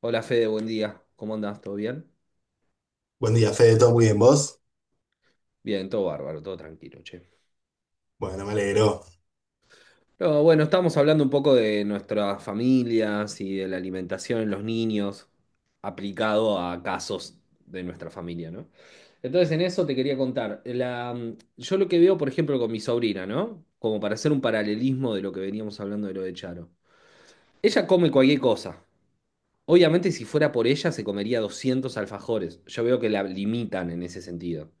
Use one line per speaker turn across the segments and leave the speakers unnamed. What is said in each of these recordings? Hola Fede, buen día. ¿Cómo andás? ¿Todo bien?
Buen día, Fede, todo muy bien, ¿vos?
Bien, todo bárbaro, todo tranquilo, che.
Bueno, me alegro.
No, bueno, estamos hablando un poco de nuestras familias y de la alimentación en los niños aplicado a casos de nuestra familia, ¿no? Entonces, en eso te quería contar. Yo lo que veo, por ejemplo, con mi sobrina, ¿no? Como para hacer un paralelismo de lo que veníamos hablando de lo de Charo. Ella come cualquier cosa. Obviamente, si fuera por ella, se comería 200 alfajores. Yo veo que la limitan en ese sentido.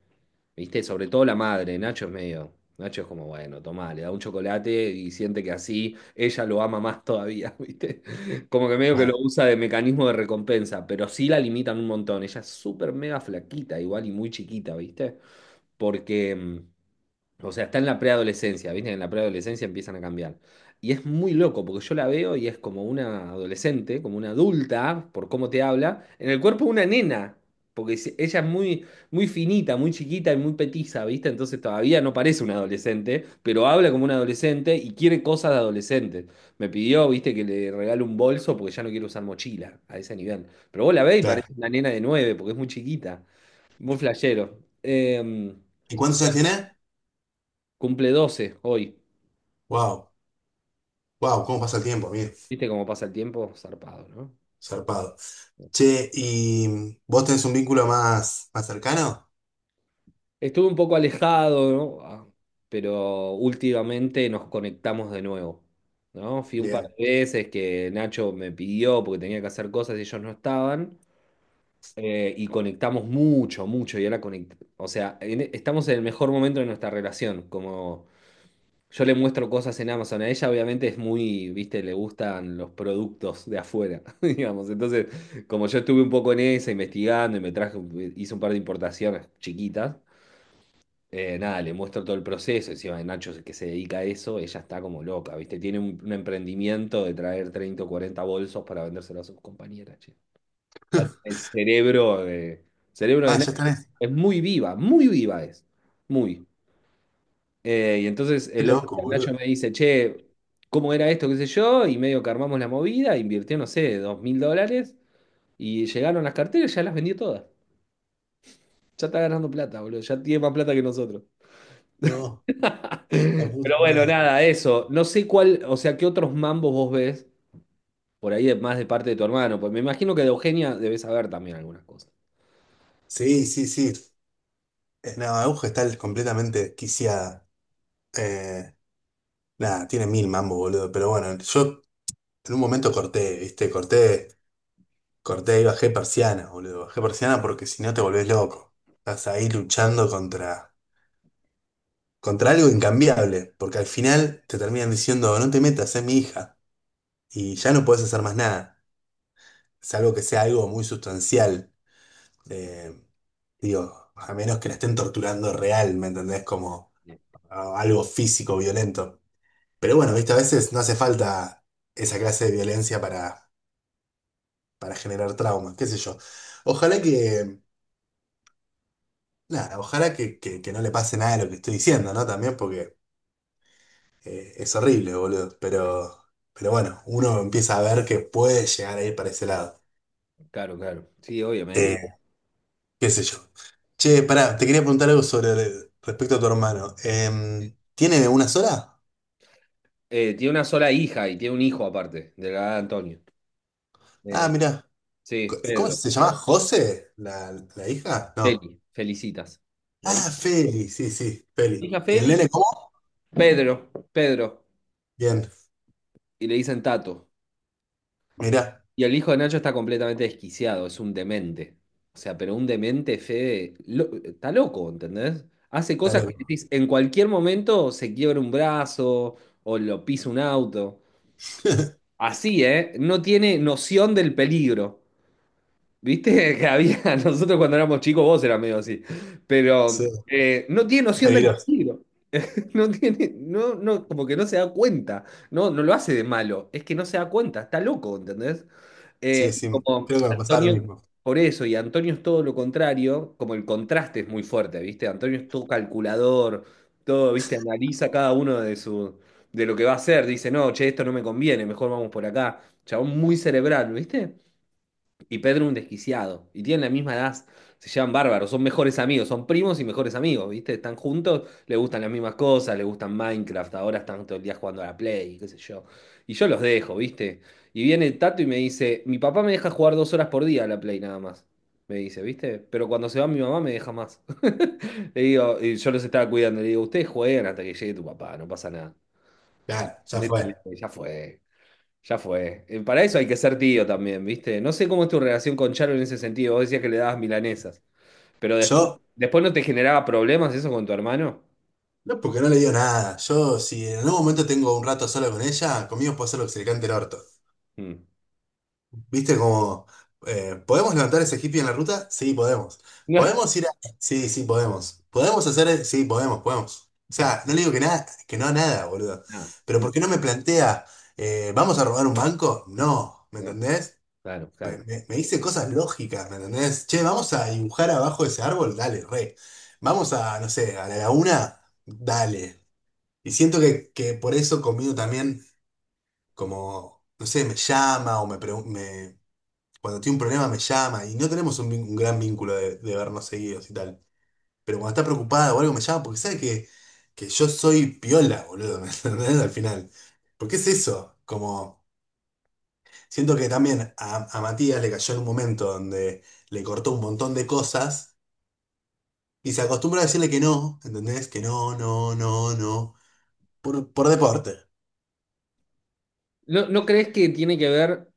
¿Viste? Sobre todo la madre, Nacho es medio. Nacho es como, bueno, tomá, le da un chocolate y siente que así ella lo ama más todavía, ¿viste? Como que medio que
Claro,
lo usa de mecanismo de recompensa, pero sí la limitan un montón. Ella es súper mega flaquita, igual y muy chiquita, ¿viste? Porque o sea, está en la preadolescencia, ¿viste? En la preadolescencia empiezan a cambiar. Y es muy loco, porque yo la veo y es como una adolescente, como una adulta, por cómo te habla, en el cuerpo de una nena, porque ella es muy, muy finita, muy chiquita y muy petiza, ¿viste? Entonces todavía no parece una adolescente, pero habla como una adolescente y quiere cosas de adolescente. Me pidió, ¿viste? Que le regale un bolso porque ya no quiere usar mochila a ese nivel. Pero vos la ves y parece
claro.
una nena de 9, porque es muy chiquita, muy flashero.
¿Y cuántos años tenés?
Cumple 12 hoy.
Wow, wow, ¿cómo pasa el tiempo, amigo?
Viste cómo pasa el tiempo, zarpado, ¿no? Zarpado.
Zarpado. Che, ¿y vos tenés un vínculo más cercano?
Estuve un poco alejado, ¿no? Ah, pero últimamente nos conectamos de nuevo, ¿no? Fui un par
Bien.
de veces que Nacho me pidió porque tenía que hacer cosas y ellos no estaban. Y conectamos mucho, mucho. Y ahora o sea, estamos en el mejor momento de nuestra relación, como yo le muestro cosas en Amazon. A ella obviamente es muy, viste, le gustan los productos de afuera, digamos. Entonces, como yo estuve un poco en esa, investigando y me traje, hice un par de importaciones chiquitas, nada, le muestro todo el proceso. Encima de Nacho que se dedica a eso, ella está como loca, viste. Tiene un emprendimiento de traer 30 o 40 bolsos para vendérselos a sus compañeras, che. El cerebro de
Ah, ya
Nacho
tenés.
es muy viva es. Muy. Y entonces
Qué
el otro
loco,
día Nacho
boludo.
me dice, che, ¿cómo era esto? ¿Qué sé yo? Y medio que armamos la movida, invirtió, no sé, 2000 dólares y llegaron las carteras, ya las vendió todas. Ya está ganando plata, boludo, ya tiene más plata que nosotros.
No, la puta
Pero bueno,
madre.
nada, eso. No sé cuál, o sea, qué otros mambos vos ves por ahí más de parte de tu hermano. Pues me imagino que de Eugenia debes saber también algunas cosas.
Sí, sí, sí. No, Aguja está completamente quiciada. Eh, nada, tiene mil mambo, boludo. Pero bueno, yo en un momento corté, ¿viste? Corté. Corté y bajé persiana, boludo. Bajé persiana porque si no te volvés loco. Estás ahí contra algo incambiable. Porque al final te terminan diciendo, no te metas, es mi hija. Y ya no podés hacer más nada. Salvo que sea algo muy sustancial. Eh, digo, a menos que la estén torturando real, ¿me entendés? Como algo físico, violento. Pero bueno, viste, a veces no hace falta esa clase de para generar trauma, qué sé yo. Ojalá que claro, ojalá que no le pase nada de lo que estoy diciendo, ¿no? También porque es horrible, boludo. Pero bueno, uno empieza a ver que puede llegar a ir para ese lado.
Claro, claro. Sí, obviamente.
Eh, qué sé yo. Che, pará, te quería preguntar algo sobre respecto a tu hermano. ¿Tiene una sola?
Tiene una sola hija y tiene un hijo aparte, de la edad de Antonio.
Ah,
Eh,
mirá.
sí,
¿Cómo
Pedro.
se llama? ¿José? ¿La hija? No.
Feli, felicitas. La
Ah,
hija,
Feli, sí, sí, Feli.
hija
¿Y el
Feli,
nene cómo?
Pedro, Pedro.
Bien,
Y le dicen Tato.
mirá,
Y el hijo de Nacho está completamente desquiciado, es un demente. O sea, pero un demente, Fede, está loco, ¿entendés? Hace
está
cosas que
loco.
decís, en cualquier momento se quiebra un brazo o lo pisa un auto. Así, ¿eh? No tiene noción del peligro. ¿Viste? Que había, nosotros cuando éramos chicos, vos eras medio así. Pero
Sí,
no tiene noción del
peligroso.
peligro. No tiene, no, no, como que no se da cuenta. No, no lo hace de malo. Es que no se da cuenta, está loco, ¿entendés?
Sí, sí,
Como
creo que me pasaba lo
Antonio,
mismo.
por eso, y Antonio es todo lo contrario, como el contraste es muy fuerte, ¿viste? Antonio es todo calculador, todo, ¿viste? Analiza cada uno de de lo que va a hacer. Dice, no, che, esto no me conviene, mejor vamos por acá. Chabón muy cerebral, ¿viste? Y Pedro un desquiciado. Y tienen la misma edad. Se llevan bárbaros. Son mejores amigos. Son primos y mejores amigos, ¿viste? Están juntos, le gustan las mismas cosas, le gustan Minecraft. Ahora están todo el día jugando a la Play, qué sé yo. Y yo los dejo, ¿viste? Y viene Tato y me dice, mi papá me deja jugar 2 horas por día a la Play nada más. Me dice, ¿viste? Pero cuando se va mi mamá me deja más. Le digo, y yo los estaba cuidando. Le digo, ustedes juegan hasta que llegue tu papá, no pasa nada.
Claro, ya
Métanle,
fue.
ya fue. Ya fue. Para eso hay que ser tío también, ¿viste? No sé cómo es tu relación con Charo en ese sentido. Vos decías que le dabas milanesas. Pero después,
Yo,
después no te generaba problemas eso con tu hermano.
no porque no le digo nada. Yo, si en algún momento tengo un rato solo con ella, conmigo puedo hacer lo que se le cante el orto.
Mm.
¿Viste como, ¿podemos levantar ese hippie en la ruta? Sí, podemos. ¿Podemos ir a...? Sí, sí, podemos. ¿Podemos hacer...? Sí, podemos, podemos. O sea, no le digo que nada, que no a nada, boludo.
No. Ah,
Pero ¿por qué no me plantea, ¿vamos a robar un banco? No, ¿me
no,
entendés?
claro,
Me,
claro.
me dice cosas lógicas, ¿me entendés? Che, vamos a dibujar abajo de ese árbol, dale, re. Vamos a, no sé, a la laguna, dale. Y siento que por eso conmigo también, como, no sé, me llama o me, cuando tiene un problema me llama y no tenemos un gran vínculo de vernos seguidos y tal. Pero cuando está preocupada o algo me llama porque sabe que yo soy piola, boludo, ¿me entendés? Al final. Porque es eso, como. Siento que también a Matías le cayó en un momento donde le cortó un montón de cosas y se acostumbró a decirle que no, ¿entendés? Que no, no, no, no. Por deporte.
¿No, no crees que tiene que ver?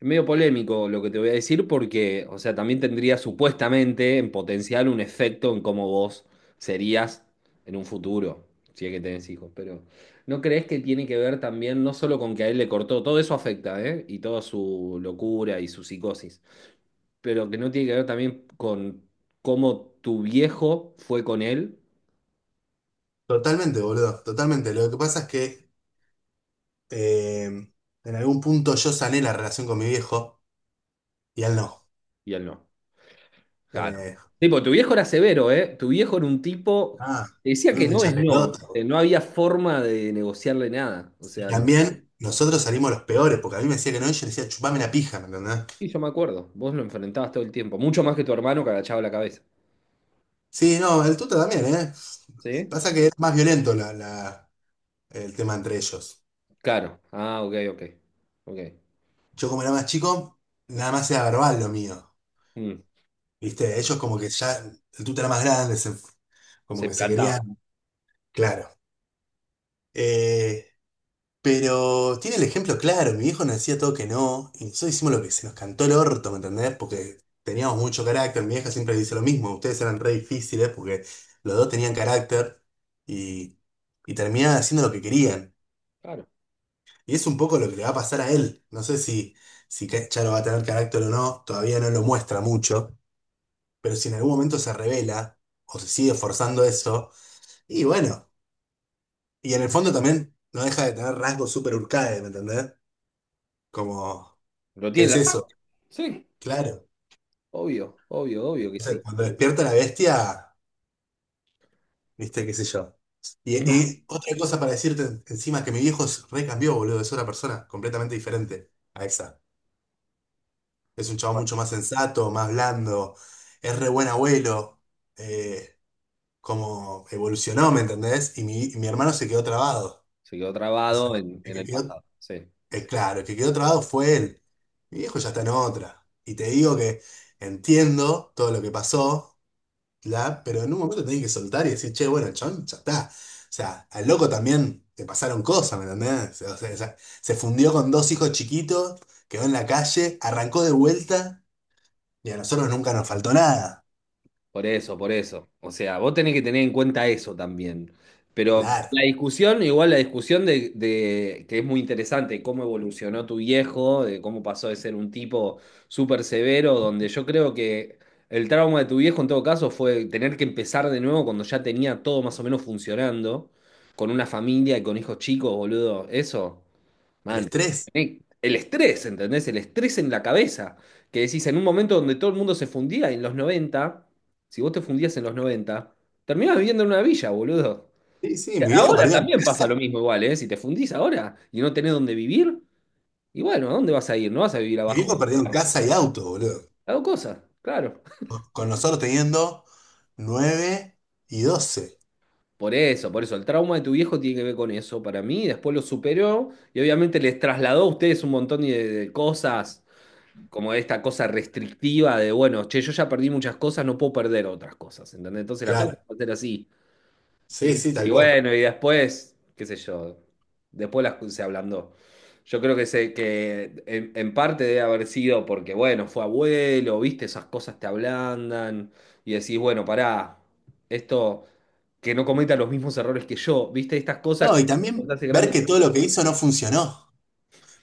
Es medio polémico lo que te voy a decir porque, o sea, también tendría supuestamente en potencial un efecto en cómo vos serías en un futuro, si es que tenés hijos, pero ¿no crees que tiene que ver también no solo con que a él le cortó, todo eso afecta, ¿eh? Y toda su locura y su psicosis, pero que no tiene que ver también con cómo tu viejo fue con él
Totalmente, boludo. Totalmente. Lo que pasa es que eh, en algún punto yo sané la relación con mi viejo y él no.
y él no? Claro.
Eh,
Tipo, tu viejo era severo, ¿eh? Tu viejo era un tipo.
ah,
Te decía
era
que
un
no
hincha
es no.
pelota.
No había forma de negociarle nada. O
Y
sea, no.
también nosotros salimos los peores, porque a mí me decía que no y yo le decía, chupame la pija, ¿me entendés?
Sí, yo me acuerdo. Vos lo enfrentabas todo el tiempo. Mucho más que tu hermano que agachaba la cabeza.
Sí, no, el tuta también, ¿eh?
¿Sí?
Pasa que es más violento el tema entre ellos.
Claro. Ah, ok, ok. Ok.
Yo como era más chico, nada más era verbal lo mío.
Mm.
¿Viste? Ellos como que ya, el tuta era más grande, como
Se
que se
plantaba.
querían, claro. Eh, pero tiene el ejemplo claro, mi viejo nos decía todo que no, y nosotros hicimos lo que se nos cantó el orto, ¿me entendés? Porque teníamos mucho carácter, mi vieja siempre dice lo mismo, ustedes eran re difíciles porque los dos tenían carácter y, y terminaban haciendo lo que querían.
Claro.
Y es un poco lo que le va a pasar a él. No sé si, si Charo va a tener carácter o no, todavía no lo muestra mucho, pero si en algún momento se revela o se sigue forzando eso, y bueno, y en el fondo también no deja de tener rasgos súper Urcae, ¿me entendés? Como,
¿Lo
¿qué
tiene
es
en la sangre?
eso?
Sí.
Claro.
Obvio, obvio, obvio que
Entonces,
sí.
cuando despierta la bestia, viste, qué sé yo. Y, y otra cosa para decirte encima que mi viejo se recambió, boludo, es otra persona completamente diferente a esa. Es un chavo
Bueno,
mucho más sensato, más blando, es re buen abuelo, eh, como evolucionó, ¿me entendés? Y mi hermano se quedó trabado.
se quedó
O sea,
trabado en,
el
en
que
el
quedó,
pasado. Sí.
claro, el que quedó trabado fue él. Mi viejo ya está en otra. Y te digo que entiendo todo lo que pasó, la, pero en un momento tenés que soltar y decir, che, bueno, el chabón ya está. O sea, al loco también le pasaron cosas, ¿me entendés? O sea, se fundió con dos hijos chiquitos, quedó en la calle, arrancó de vuelta. Y a nosotros nunca nos faltó nada.
Por eso, por eso. O sea, vos tenés que tener en cuenta eso también. Pero
Claro,
la discusión, igual la discusión que es muy interesante, cómo evolucionó tu viejo, de cómo pasó de ser un tipo súper severo, donde yo creo que el trauma de tu viejo en todo caso fue tener que empezar de nuevo cuando ya tenía todo más o menos funcionando, con una familia y con hijos chicos, boludo. Eso,
el estrés.
el estrés, ¿entendés? El estrés en la cabeza. Que decís, en un momento donde todo el mundo se fundía en los 90. Si vos te fundías en los 90, terminás viviendo en una villa, boludo.
Sí, sí,
Y ahora
mi
también pasa lo mismo igual, ¿eh? Si te fundís ahora y no tenés dónde vivir, y bueno, ¿a dónde vas a ir? No vas a vivir abajo.
viejo perdió en casa y auto, boludo.
Hago cosas, claro.
Con nosotros teniendo 9 y 12.
Por eso, el trauma de tu viejo tiene que ver con eso para mí. Después lo superó y obviamente les trasladó a ustedes un montón de cosas como esta cosa restrictiva de, bueno, che, yo ya perdí muchas cosas, no puedo perder otras cosas, ¿entendés? Entonces las cosas
Claro,
van a ser así.
sí,
Y,
sí,
y
tal cual.
bueno, y después, qué sé yo, después se ablandó. Yo creo que, que en parte debe haber sido porque, bueno, fue abuelo, viste, esas cosas te ablandan y decís, bueno, pará, esto, que no cometa los mismos errores que yo, viste, estas cosas
No,
que
y también
cuando te hace
ver
grande.
que todo lo que hizo no funcionó.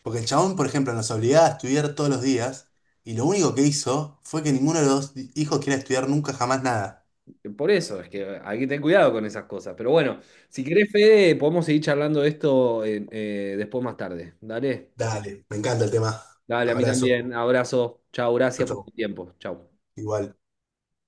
Porque el chabón, por ejemplo, nos obligaba a estudiar todos los días y lo único que hizo fue que ninguno de los hijos quiera estudiar nunca jamás nada.
Por eso, es que hay que tener cuidado con esas cosas. Pero bueno, si querés, Fede, podemos seguir charlando de esto después más tarde. Dale.
Dale, me encanta el tema.
Dale, a mí también.
Abrazo.
Abrazo. Chao,
Chau,
gracias por tu
chau.
tiempo. Chao.
Igual.